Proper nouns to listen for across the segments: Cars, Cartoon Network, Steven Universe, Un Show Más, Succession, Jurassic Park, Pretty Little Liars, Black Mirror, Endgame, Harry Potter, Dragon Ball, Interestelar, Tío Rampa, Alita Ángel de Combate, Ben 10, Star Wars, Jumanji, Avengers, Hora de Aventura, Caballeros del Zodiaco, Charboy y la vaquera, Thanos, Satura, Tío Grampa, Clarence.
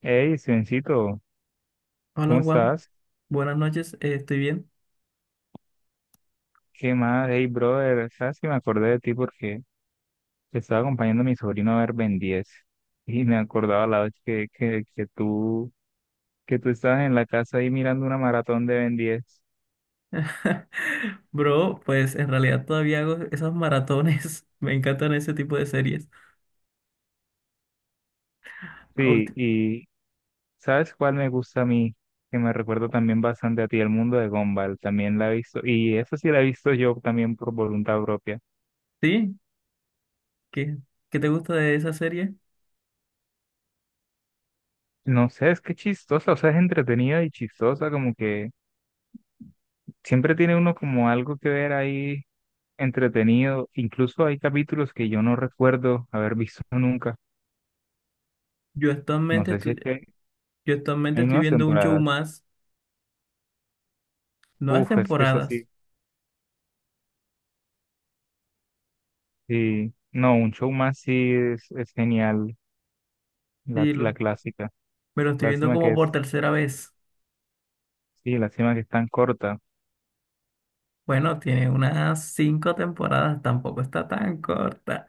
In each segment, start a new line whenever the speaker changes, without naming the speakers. Hey, Sencito,
Hola
¿cómo
Juan,
estás?
buenas noches, estoy bien.
¿Qué más? Hey, brother, ¿sabes que me acordé de ti porque te estaba acompañando a mi sobrino a ver Ben 10 y me acordaba la vez que que tú estabas en la casa ahí mirando una maratón de Ben 10.
Bro, pues en realidad todavía hago esos maratones, me encantan ese tipo de series. Ah,
Sí,
ulti-
y ¿sabes cuál me gusta a mí? Que me recuerda también bastante a ti, el mundo de Gumball, también la he visto, y eso sí la he visto yo también por voluntad propia.
¿Sí? ¿Qué, ¿qué te gusta de esa serie?
No sé, es que chistosa, o sea, es entretenida y chistosa, como que siempre tiene uno como algo que ver ahí entretenido. Incluso hay capítulos que yo no recuerdo haber visto nunca.
Yo
No
actualmente
sé si es
estoy,
que
yo actualmente
hay
estoy
nuevas
viendo un show
temporadas.
más, nuevas
Uf, es que es
temporadas,
así. Sí. No, un show más sí es genial. La,
sí,
la
lo,
clásica.
me lo estoy viendo
Lástima
como
que
por
es,
tercera vez.
sí, lástima que es tan corta.
Bueno, tiene unas cinco temporadas, tampoco está tan corta.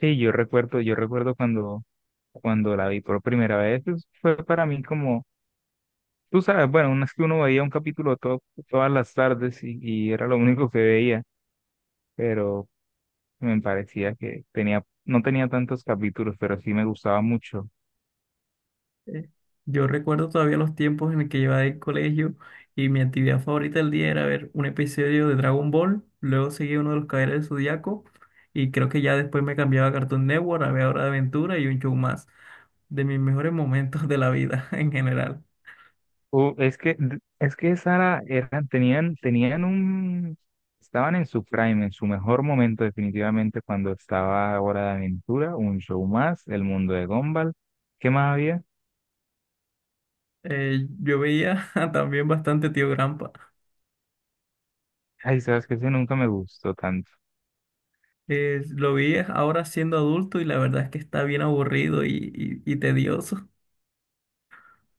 Sí, yo recuerdo cuando la vi por primera vez, pues, fue para mí como, tú sabes, bueno, una es que uno veía un todas las tardes y era lo único que veía, pero me parecía que no tenía tantos capítulos, pero sí me gustaba mucho.
Eh, Yo recuerdo todavía los tiempos en el que llevaba el colegio y mi actividad favorita del día era ver un episodio de Dragon Ball, luego seguía uno de los Caballeros del Zodiaco y creo que ya después me cambiaba a Cartoon Network, a ver Hora de Aventura y un show más, de mis mejores momentos de la vida en general.
Uh, es que, es que Sara tenían un, estaban en su prime, en su mejor momento definitivamente cuando estaba Hora de Aventura, Un Show Más, El Mundo de Gumball. ¿Qué más había?
Yo veía también bastante Tío Grampa.
Ay, sabes que ese nunca me gustó tanto.
Lo vi ahora siendo adulto y la verdad es que está bien aburrido y tedioso.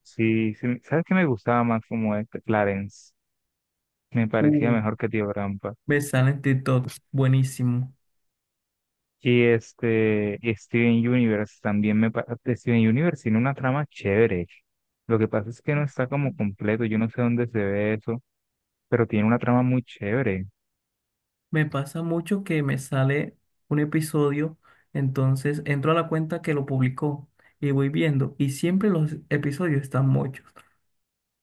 Sí, sí, sabes que me gustaba más como este, Clarence. Me parecía
Uh,
mejor que Tío Rampa.
Me sale en TikTok, buenísimo.
Y Steven Universe también me parece, Steven Universe tiene una trama chévere. Lo que pasa es que no está como completo, yo no sé dónde se ve eso, pero tiene una trama muy chévere.
Me pasa mucho que me sale un episodio, entonces entro a la cuenta que lo publicó y voy viendo, y siempre los episodios están muchos.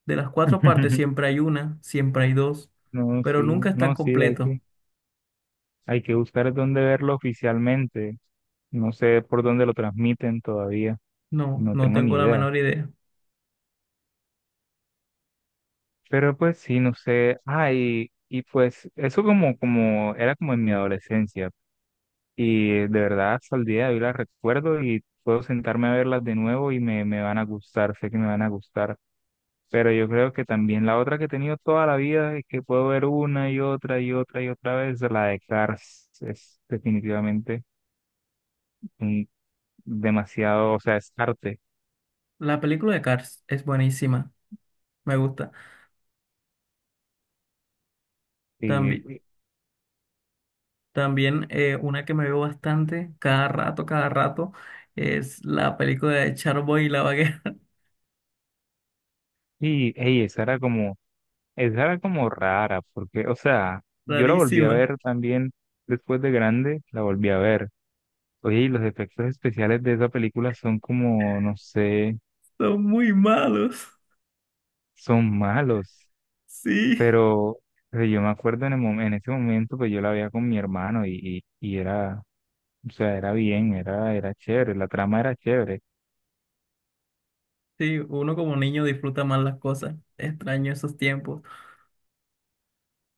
De las cuatro partes siempre hay una, siempre hay dos,
No,
pero
sí,
nunca están
no, sí,
completos.
hay que buscar dónde verlo oficialmente. No sé por dónde lo transmiten todavía,
No,
no
no
tengo ni
tengo la
idea.
menor idea.
Pero pues sí, no sé, ay, y pues eso era como en mi adolescencia. Y de verdad, hasta el día de hoy las recuerdo y puedo sentarme a verlas de nuevo y me van a gustar, sé que me van a gustar. Pero yo creo que también la otra que he tenido toda la vida y que puedo ver una y otra y otra y otra vez, la de Cars, es definitivamente un- demasiado, o sea, es arte.
La película de Cars es buenísima, me gusta. También,
Y,
también una que me veo bastante, cada rato, es la película de Charboy y la vaquera,
y ey, esa era como rara, porque, o sea, yo la volví a
rarísima.
ver también después de grande, la volví a ver. Oye, y los efectos especiales de esa película son como, no sé,
Son muy malos.
son malos,
Sí.
pero, pero yo me acuerdo en en ese momento, pues yo la veía con mi hermano y o sea, era chévere, la trama era chévere.
Sí, uno como niño disfruta más las cosas. Extraño esos tiempos.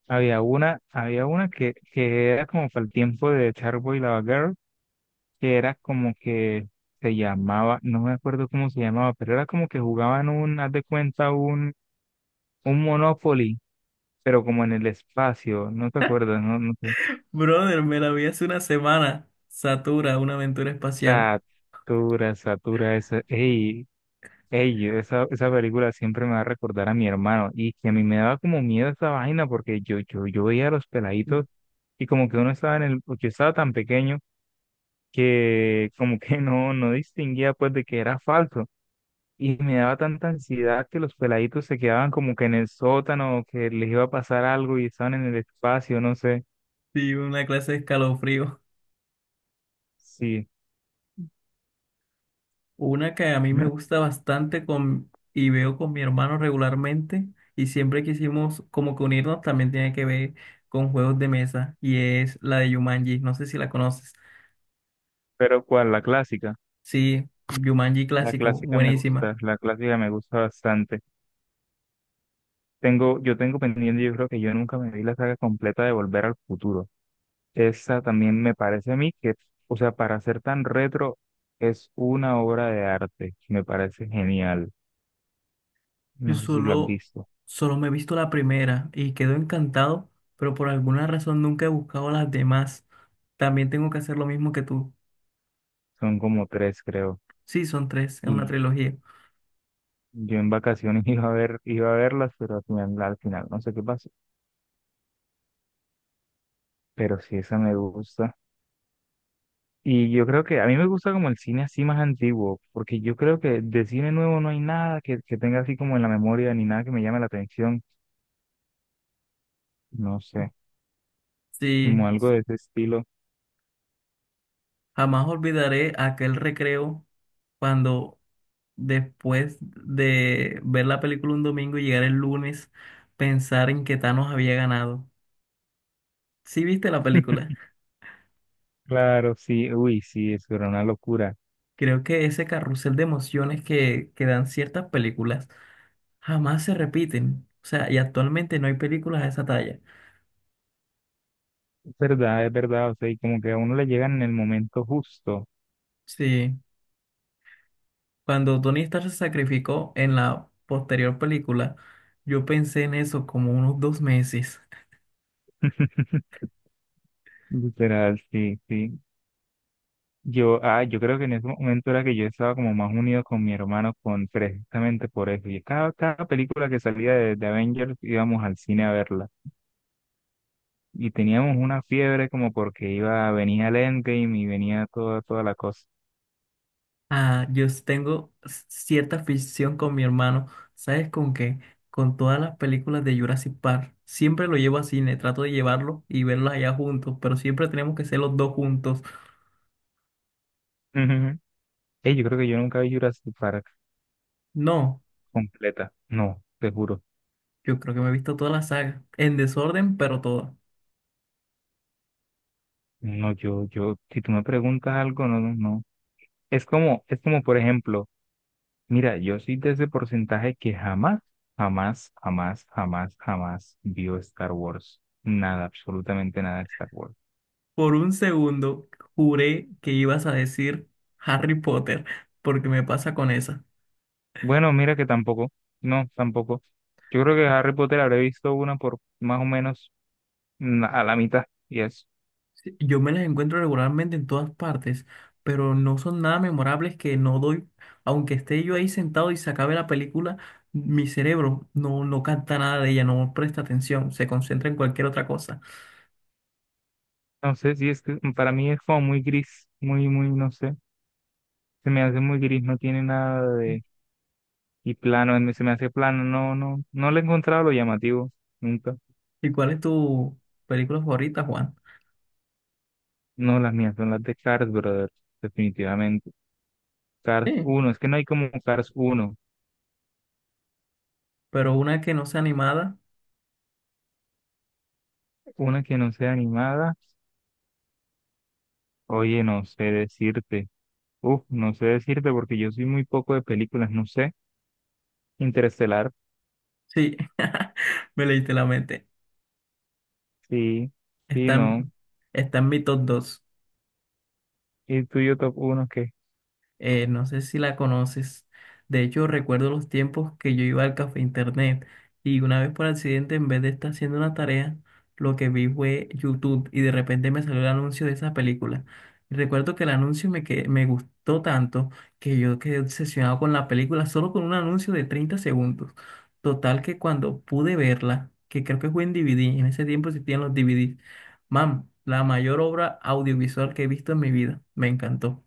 Había una que era como para el tiempo de Charboy Lava Girl, que era como que se llamaba, no me acuerdo cómo se llamaba, pero era como que jugaban un, haz de cuenta, un Monopoly, pero como en el espacio, no te acuerdas, no, no sé.
Brother, me la vi hace una semana. Satura, una aventura espacial.
Satura, Satura, esa, ey, ey, esa película siempre me va a recordar a mi hermano, y que a mí me daba como miedo esa vaina, porque yo veía a los peladitos, y como que uno estaba en el, yo estaba tan pequeño que como que no, no distinguía pues de que era falso. Y me daba tanta ansiedad que los peladitos se quedaban como que en el sótano, que les iba a pasar algo y estaban en el espacio, no sé.
Sí, una clase de escalofrío.
Sí,
Una que a mí me gusta bastante con, y veo con mi hermano regularmente. Y siempre quisimos como que unirnos también tiene que ver con juegos de mesa. Y es la de Jumanji. No sé si la conoces.
pero ¿cuál? La clásica.
Sí, Jumanji
La
clásico.
clásica me
Buenísima.
gusta, la clásica me gusta bastante. Yo tengo pendiente, yo creo que yo nunca me vi la saga completa de Volver al Futuro. Esa también me parece a mí que, o sea, para ser tan retro, es una obra de arte. Me parece genial.
Yo
No sé si la has
solo,
visto.
solo me he visto la primera y quedo encantado, pero por alguna razón nunca he buscado las demás. También tengo que hacer lo mismo que tú.
Son como tres, creo.
Sí, son tres, es una
Y
trilogía.
yo en vacaciones iba a ver, iba a verlas, pero al final no sé qué pasó. Pero sí, esa me gusta. Y yo creo que a mí me gusta como el cine así más antiguo, porque yo creo que de cine nuevo no hay nada que tenga así como en la memoria, ni nada que me llame la atención. No sé,
Sí,
como algo de ese estilo.
jamás olvidaré aquel recreo cuando después de ver la película un domingo y llegar el lunes, pensar en que Thanos había ganado. ¿Sí viste la película?
Claro, sí, uy, sí, eso era una locura.
Creo que ese carrusel de emociones que dan ciertas películas jamás se repiten. O sea, y actualmente no hay películas de esa talla.
Es verdad, o sea, y como que a uno le llegan en el momento justo.
Sí, cuando Tony Stark se sacrificó en la posterior película, yo pensé en eso como unos dos meses.
Literal, sí, sí. Yo, ah, yo creo que en ese momento era que yo estaba como más unido con mi hermano con precisamente por eso. Y cada película que salía de Avengers íbamos al cine a verla. Y teníamos una fiebre como porque iba, venía el Endgame y venía toda, toda la cosa.
Ah, cierta afición con mi hermano. ¿Sabes con qué? Con todas las películas de Jurassic Park. Siempre lo llevo a cine, trato de llevarlo y verlos allá juntos, pero siempre tenemos que ser los dos juntos.
Ujú. Ey, yo creo que yo nunca vi Jurassic Park
No,
completa. No, te juro.
yo creo que me he visto toda la saga, en desorden, pero toda.
No, si tú me preguntas algo, no, no, no. Es como, por ejemplo, mira, yo soy de ese porcentaje que jamás, jamás, jamás, jamás, jamás vio Star Wars. Nada, absolutamente nada de Star Wars.
Por un segundo juré que ibas a decir Harry Potter, porque me pasa con esa.
Bueno, mira que tampoco, no, tampoco. Yo creo que Harry Potter habré visto una por más o menos a la mitad y eso.
Sí, yo me las encuentro regularmente en todas partes, pero no son nada memorables que no doy, aunque esté yo ahí sentado y se acabe la película, mi cerebro no, no capta nada de ella, no presta atención, se concentra en cualquier otra cosa.
No sé si es que para mí es como muy gris, muy, muy, no sé. Se me hace muy gris, no tiene nada de... Y plano, se me hace plano, no, no, no le he encontrado lo llamativo, nunca.
¿Y cuál es tu película favorita, Juan?
No, las mías son las de Cars, brother, definitivamente. Cars
Sí,
uno, es que no hay como Cars uno,
pero una que no sea animada,
una que no sea animada, oye, no sé decirte. Uf, no sé decirte porque yo soy muy poco de películas, no sé. Interestelar,
sí, me leíste la mente.
sí, sí,
Está
no.
en, está en mi top 2.
¿Y tuyo top uno, qué?
No sé si la conoces. De hecho, recuerdo los tiempos que yo iba al café internet y una vez por accidente, en vez de estar haciendo una tarea, lo que vi fue YouTube y de repente me salió el anuncio de esa película. Y recuerdo que el me gustó tanto que yo quedé obsesionado con la película solo con un anuncio de 30 segundos. Total que cuando pude verla, que creo que fue en DVD, en ese tiempo existían los DVDs, mam, la mayor obra audiovisual que he visto en mi vida, me encantó.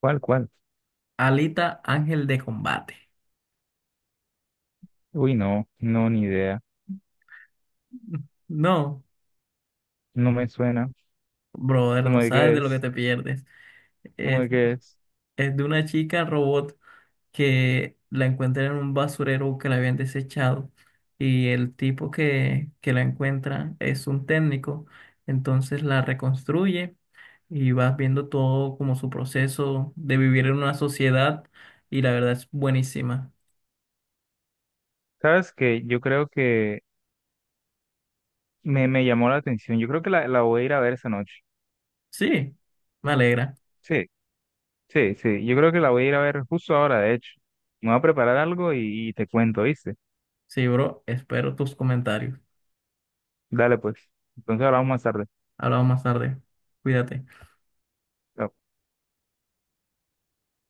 ¿Cuál, cuál?
Alita Ángel de Combate.
Uy, no, no, ni idea.
No,
No me suena.
brother, no
¿Cómo de
sabes
qué
de lo que
es?
te pierdes.
¿Cómo
Es,
de qué es?
es de una chica robot que la encuentra en un basurero que la habían desechado y el tipo que la encuentra es un técnico. Entonces la reconstruye y vas viendo todo como su proceso de vivir en una sociedad y la verdad es buenísima.
¿Sabes que yo creo que me llamó la atención? Yo creo que la voy a ir a ver esa noche.
Sí, me alegra.
Sí, sí, sí. Yo creo que la voy a ir a ver justo ahora, de hecho. Me voy a preparar algo y te cuento, ¿viste?
Sí, bro, espero tus comentarios.
Dale, pues. Entonces hablamos más tarde.
Hablamos más tarde. Cuídate.
Chao.